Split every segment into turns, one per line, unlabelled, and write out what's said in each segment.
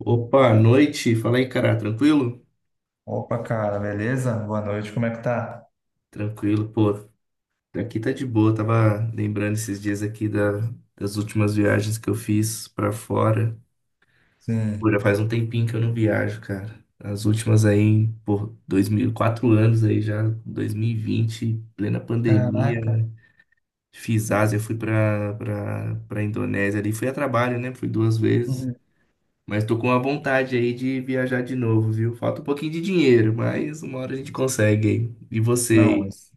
Opa, noite. Fala aí, cara. Tranquilo?
Opa, cara, beleza? Boa noite, como é que tá?
Tranquilo, pô. Aqui tá de boa. Tava lembrando esses dias aqui das últimas viagens que eu fiz pra fora. Pô, já
Sim.
faz um tempinho que eu não viajo, cara. As últimas aí, por dois mil, 4 anos aí já, 2020, plena pandemia,
Caraca.
né? Fiz Ásia, fui pra Indonésia ali. Fui a trabalho, né? Fui duas vezes.
Uhum.
Mas tô com a vontade aí de viajar de novo, viu? Falta um pouquinho de dinheiro, mas uma hora a gente consegue aí. E você
Não,
aí?
isso,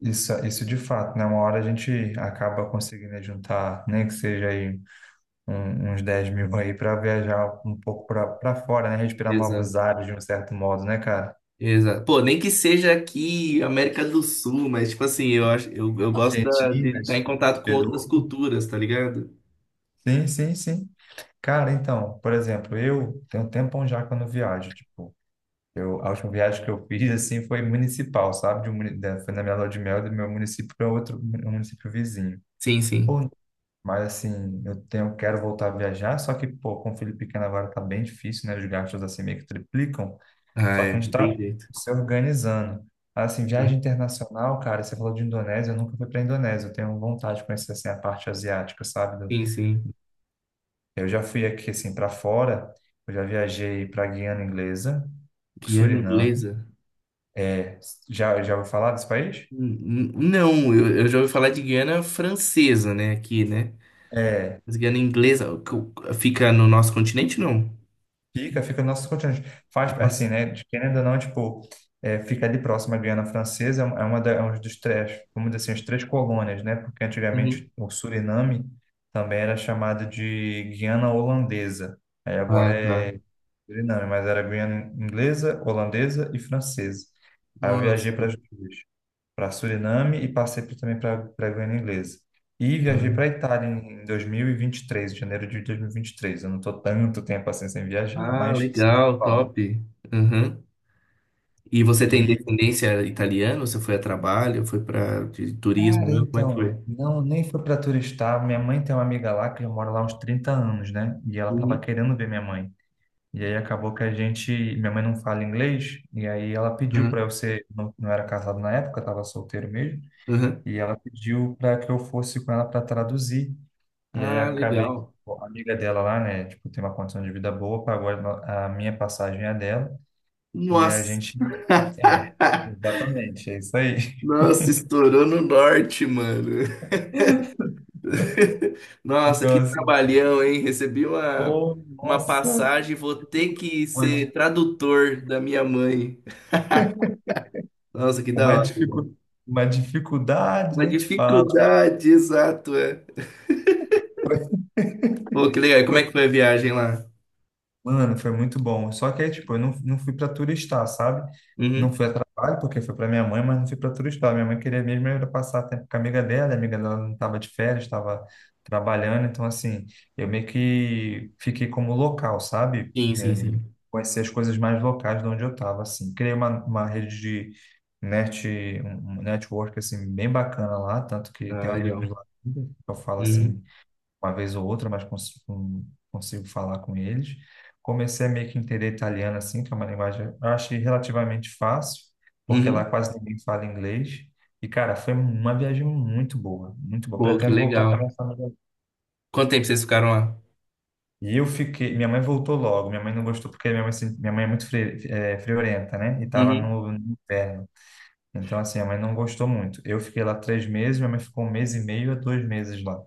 isso, isso de fato, né? Uma hora a gente acaba conseguindo juntar, nem que seja aí uns 10 mil aí para viajar um pouco para fora, né? Respirar
Exato.
novos ares de um certo modo, né, cara?
Exato. Pô, nem que seja aqui América do Sul, mas tipo assim, eu acho, eu gosto de
Argentina,
estar em
Chile,
contato com outras
Peru.
culturas, tá ligado?
Sim, sim, sim. Cara, então, por exemplo, eu tenho um tempão já quando viajo, tipo. A última viagem que eu fiz, assim, foi municipal, sabe? De um, muni- da- Foi na minha lua de mel do meu município para um município vizinho.
Sim, sim.
Pô, mas, assim, quero voltar a viajar, só que, pô, com o filho pequeno agora tá bem difícil, né? Os gastos, assim, meio que triplicam.
Ah,
Só
é,
que a gente
não
tá
tem jeito.
se organizando. Assim, viagem internacional, cara, você falou de Indonésia, eu nunca fui para Indonésia. Eu tenho vontade de conhecer, assim, a parte asiática, sabe?
Sim, sim.
Eu já fui aqui, assim, para fora. Eu já viajei para Guiana Inglesa,
Guiana
Suriname.
inglesa?
Já ouviu falar desse país?
Não, eu já ouvi falar de Guiana francesa, né? Aqui, né?
É,
Mas Guiana inglesa fica no nosso continente, não?
fica no nosso continente. Faz, assim,
Nossa.
né? De querendo ou não, tipo, é, fica ali próximo à Guiana Francesa, é um dos três, vamos dizer assim, as três colônias, né? Porque antigamente
Uhum.
o Suriname também era chamado de Guiana Holandesa. Aí agora
Ah, tá.
é Suriname, mas era Guiana Inglesa, Holandesa e Francesa. Aí eu viajei para
Nossa,
as duas, para Suriname e também para a Guiana Inglesa. E viajei
cara.
para Itália em 2023, janeiro de 2023. Eu não estou tanto tempo assim sem viajar,
Ah,
mas...
legal,
Bom.
top. Uhum. E você tem
E,
descendência italiana? Você foi a trabalho? Foi para de turismo?
cara,
Né? Como é que
então,
foi?
não, nem foi para turistar. Minha mãe tem uma amiga lá que já mora lá há uns 30 anos, né? E ela tava
Uhum.
querendo ver minha mãe. E aí acabou que a gente, minha mãe não fala inglês, e aí ela pediu para
Uhum.
eu ser, não, não era casado na época, estava solteiro mesmo,
Uhum.
e ela pediu para que eu fosse com ela para traduzir. E aí
Ah,
acabei, que,
legal.
pô, a amiga dela lá, né, tipo, tem uma condição de vida boa, pagou a minha passagem e a dela, e a
Nossa,
gente, é, exatamente, é isso aí.
nossa, estourou no norte, mano. Nossa,
Então,
que
assim,
trabalhão, hein? Recebi uma,
pô,
uma
nossa,
passagem, vou ter que
uma,
ser
di-
tradutor da minha mãe. Nossa, que da
uma,
hora.
dificu, uma dificuldade,
Uma
nem te falo.
dificuldade, exato, é. Pô, que legal. E como é que foi a viagem lá?
Mano, foi muito bom. Só que aí, tipo, eu não fui pra turistar, sabe? Não
Uhum.
fui a trabalho, porque foi pra minha mãe, mas não fui pra turistar. Minha mãe queria mesmo era passar tempo com a amiga dela não tava de férias, tava trabalhando. Então, assim, eu meio que fiquei como local, sabe?
Sim, sim,
É,
sim.
conhecer as coisas mais locais de onde eu tava, assim. Criei uma rede de net, um um network, assim, bem bacana lá, tanto que
Ah,
tenho amigos
legal.
lá, eu falo
Uhum.
assim uma vez ou outra, mas consigo falar com eles. Comecei a meio que entender italiano, assim, que é uma linguagem, eu achei relativamente fácil, porque lá
Uhum.
quase ninguém fala inglês. E, cara, foi uma viagem muito boa, muito boa.
Pô, que
Pretendo voltar com a
legal.
minha família.
Quanto tempo vocês ficaram lá?
E eu fiquei. Minha mãe voltou logo. Minha mãe não gostou porque minha mãe, é muito friorenta, né? E tava
Uhum.
no inverno. Então, assim, a mãe não gostou muito. Eu fiquei lá 3 meses, minha mãe ficou um mês e meio a 2 meses lá.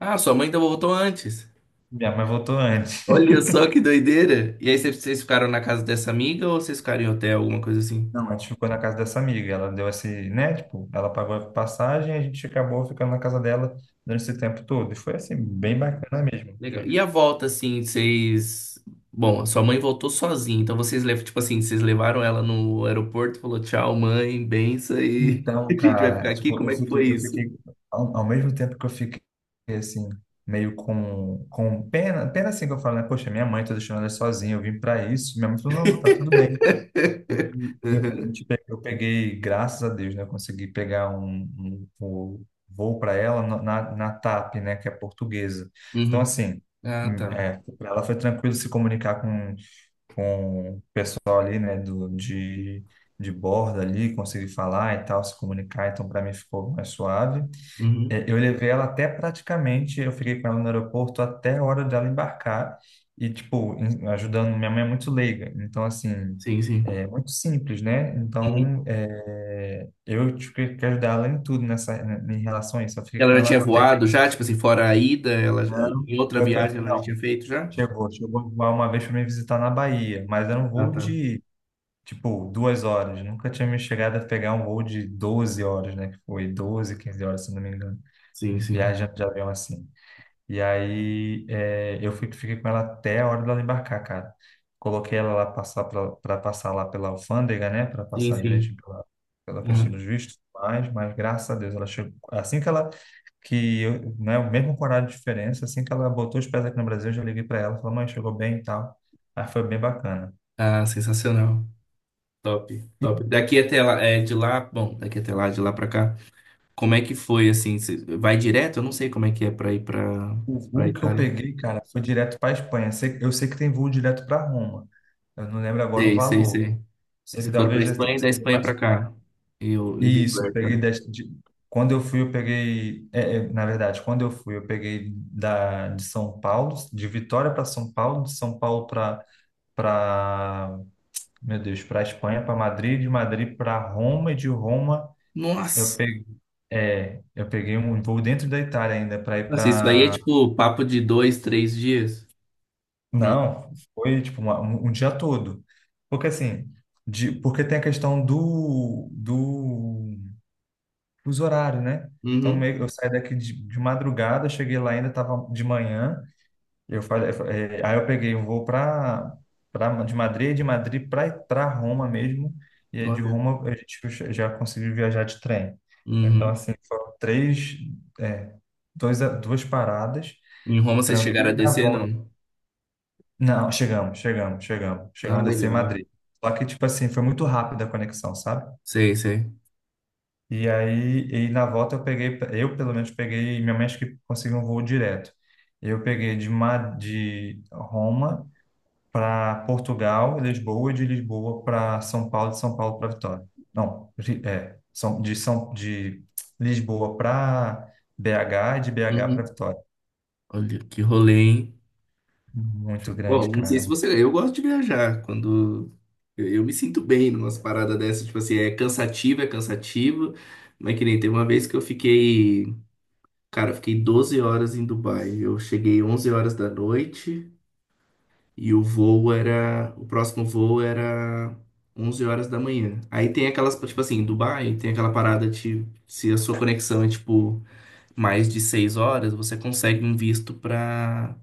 Ah, sua mãe então voltou antes.
Minha mãe voltou antes.
Olha só que doideira. E aí vocês ficaram na casa dessa amiga ou vocês ficaram em hotel, alguma coisa assim?
Não, a gente ficou na casa dessa amiga. Ela deu esse, né? Tipo, ela pagou a passagem e a gente acabou ficando na casa dela durante esse tempo todo. E foi assim, bem
Hum,
bacana mesmo.
Legal. E a volta, assim, vocês. Bom, a sua mãe voltou sozinha, então vocês levam, tipo assim, vocês levaram ela no aeroporto, falou tchau, mãe, benção e a
Então,
gente vai ficar
cara,
aqui.
tipo,
Como
eu
é que
fiquei,
foi
eu
isso?
fiquei ao mesmo tempo que eu fiquei assim, meio com pena, pena assim que eu falo, né? Poxa, minha mãe tá deixando ela sozinha, eu vim pra isso. Minha mãe falou, não, tá tudo bem. E Eu, a gente pe- eu peguei, graças a Deus, né? Eu consegui pegar um voo para ela na TAP, né? Que é portuguesa. Então,
Uhum.
assim,
Ah, tá.
para ela foi tranquilo se comunicar com o pessoal ali, né? De bordo ali, conseguir falar e tal, se comunicar. Então, para mim ficou mais suave.
Uhum.
É, eu levei ela até praticamente, eu fiquei com ela no aeroporto até a hora dela embarcar e, tipo, ajudando. Minha mãe é muito leiga, então, assim,
Sim, sim.
é muito simples, né?
Uhum.
Então, eu tive que ajudar ela em tudo nessa, né, em relação a isso. Eu fiquei com
Ela já
ela
tinha
até.
voado já, tipo assim, fora a ida, ela,
Não,
em outra viagem ela já
não,
tinha feito já?
chegou uma vez para me visitar na Bahia, mas era um
Ah,
voo
tá.
de, tipo, 2 horas. Nunca tinha me chegado a pegar um voo de 12 horas, né? Que foi 12, 15 horas, se não me engano,
Sim, sim.
viajando de avião assim. E aí fiquei com ela até a hora dela embarcar, cara. Coloquei ela lá passar para passar lá pela alfândega, né? Para
Sim,
passar direito
sim.
pela questão
Uhum.
dos vistos, mas graças a Deus ela chegou. Assim que ela, que eu, né, o mesmo horário de diferença, assim que ela botou os pés aqui no Brasil, eu já liguei para ela, falei, mãe, chegou bem e tal. Aí foi bem bacana.
Ah, sensacional. Top, top. Daqui até lá, é, de lá, bom, daqui até lá, de lá pra cá, como é que foi, assim, cê vai direto? Eu não sei como é que é pra ir pra,
O
pra
voo que eu
Itália.
peguei, cara, foi direto para Espanha. Eu sei que tem voo direto para Roma. Eu não lembro agora o
Sei, sei,
valor.
sei. Aí
Sei que
vocês foram pra
talvez
Espanha e da
seja
Espanha pra
mais caro.
cá. E, e
Isso, eu
vice-versa,
peguei
né?
quando eu fui, eu peguei, é, é, na verdade, quando eu fui, eu peguei da de São Paulo, de Vitória para São Paulo, de São Paulo para para, meu Deus, para Espanha, para Madrid, de Madrid para Roma e de Roma eu
Nossa!
peguei, eu peguei um voo dentro da Itália ainda para ir
Nossa, isso aí é
para...
tipo papo de dois, três dias? Não.
Não, foi tipo um dia todo. Porque assim, de, porque tem a questão do fuso horário, né? Então
Uhum.
eu saí daqui de madrugada, cheguei lá ainda estava de manhã. Eu falei, aí eu peguei um voo para de Madrid para Roma mesmo. E aí de
Olha.
Roma a gente já conseguiu viajar de trem. Então
Uhum.
assim foram três, é, dois, duas paradas,
Em Roma vocês chegaram
tranquilo
a
e na
descer,
volta.
não?
Não, chegamos, chegamos, chegamos,
Ah,
chegamos a descer em
legal.
Madrid. Só que tipo assim foi muito rápida a conexão, sabe?
Sei, sei.
E na volta eu pelo menos peguei, minha mãe acho que conseguiu um voo direto. Eu peguei de Roma para Portugal, Lisboa, e de Lisboa para São Paulo, de São Paulo para Vitória. Não, de Lisboa para BH e de BH para
Uhum.
Vitória.
Olha que rolê, hein?
Muito grande,
Bom, não sei
cara.
se você. Eu gosto de viajar quando. Eu me sinto bem numas paradas dessas. Tipo assim, é cansativo, é cansativo. Mas que nem teve uma vez que eu fiquei. Cara, eu fiquei 12 horas em Dubai. Eu cheguei 11 horas da noite e o voo era. O próximo voo era 11 horas da manhã. Aí tem aquelas. Tipo assim, em Dubai tem aquela parada de. Se a sua conexão é tipo. Mais de 6 horas, você consegue um visto para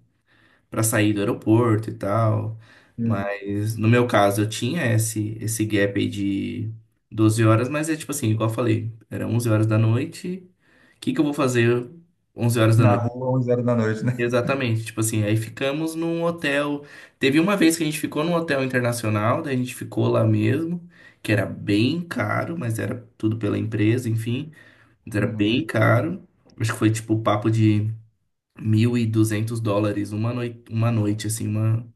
para sair do aeroporto e tal.
Hum.
Mas no meu caso, eu tinha esse gap aí de 12 horas, mas é tipo assim, igual eu falei, era 11 horas da noite. O que que eu vou fazer 11 horas da
Na
noite?
rua, 11 horas da noite, né?
Exatamente, tipo assim, aí ficamos num hotel. Teve uma vez que a gente ficou num hotel internacional, daí a gente ficou lá mesmo, que era bem caro, mas era tudo pela empresa, enfim, mas era
Uhum.
bem caro. Acho que foi tipo o papo de US$ 1.200 uma noite assim, uma,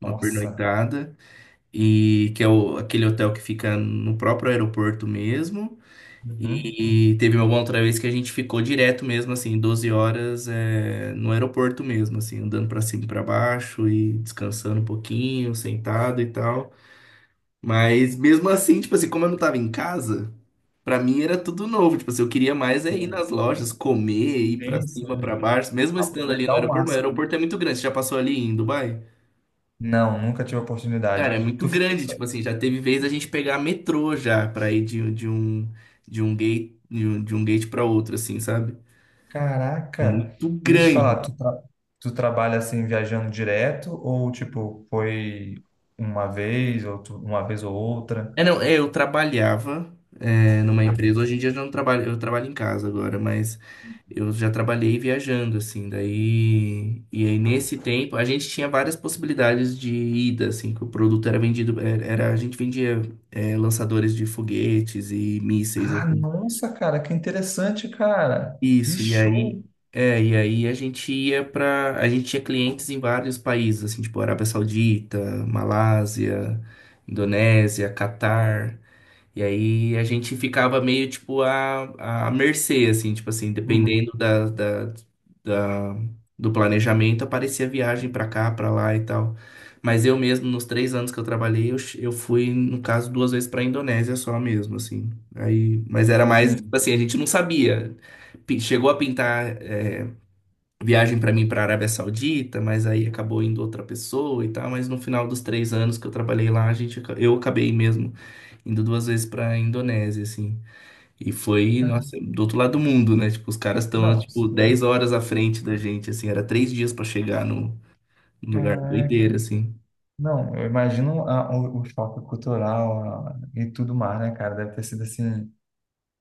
uma
Nossa.
pernoitada, e que é aquele hotel que fica no próprio aeroporto mesmo.
Uhum.
E teve uma outra vez que a gente ficou direto mesmo, assim, 12 horas é, no aeroporto mesmo, assim, andando pra cima e pra baixo e descansando um pouquinho, sentado e tal. Mas mesmo assim, tipo assim, como eu não tava em casa. Pra mim era tudo novo, tipo assim, eu queria mais é ir
É,
nas lojas, comer, ir pra
tem,
cima, pra
sim.
baixo, mesmo estando ali no
Aproveitar ao
aeroporto, mas o
máximo.
aeroporto é muito grande, você já passou ali em Dubai?
Não, nunca tive a oportunidade.
Cara, é muito
Tu falou
grande, tipo assim,
assim,
já teve vez a gente pegar metrô já pra ir de um gate de um gate para outro assim, sabe?
caraca,
Muito
e deixa eu te
grande,
falar, tu trabalha assim viajando direto ou tipo foi uma vez ou uma vez ou outra?
é, não, é, eu trabalhava, é, numa empresa. Hoje em dia eu já não trabalho, eu trabalho em casa agora, mas eu já trabalhei viajando, assim. Daí, e aí nesse tempo a gente tinha várias possibilidades de ida, assim, que o produto era vendido, a gente vendia, é, lançadores de foguetes e mísseis,
Ah,
assim.
nossa, cara, que interessante, cara. Que
Isso, e aí,
show.
é, e aí a gente ia para, a gente tinha clientes em vários países, assim, tipo Arábia Saudita, Malásia, Indonésia, Catar. E aí a gente ficava meio tipo à mercê, assim, tipo assim,
Uhum.
dependendo da- do planejamento, aparecia viagem pra cá, pra lá e tal. Mas eu mesmo, nos 3 anos que eu trabalhei, eu fui, no caso, duas vezes pra Indonésia só mesmo, assim. Aí, mas era mais, tipo
Sim.
assim, a gente não sabia. Chegou a
Sim.
pintar é, viagem pra mim pra Arábia Saudita, mas aí acabou indo outra pessoa e tal. Mas no final dos 3 anos que eu trabalhei lá, eu acabei mesmo indo duas vezes pra Indonésia, assim. E foi,
Cara,
nossa, do outro lado do mundo, né? Tipo, os caras estão,
não,
tipo, 10
sim.
horas à frente da gente, assim. Era três dias pra chegar no lugar. Doideira,
Caraca.
assim.
Não, eu imagino o choque cultural e tudo mais, né, cara? Deve ter sido assim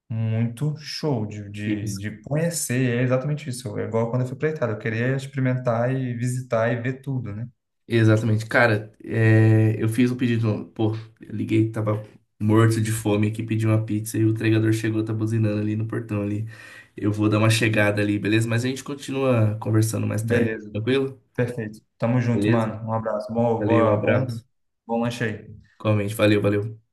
muito show de, de,
Isso.
de conhecer, é exatamente isso. É igual quando eu fui para Itália, eu queria experimentar e visitar e ver tudo, né?
Exatamente. Cara, é, eu fiz um pedido. Pô, eu liguei, tava morto de fome aqui, pedi uma pizza e o entregador chegou, tá buzinando ali no portão ali. Eu vou dar uma chegada ali, beleza? Mas a gente continua conversando mais tarde,
Beleza,
tranquilo?
perfeito. Tamo junto,
Beleza?
mano. Um abraço.
Valeu, abraço.
Bom lanche aí.
Comente, valeu, valeu.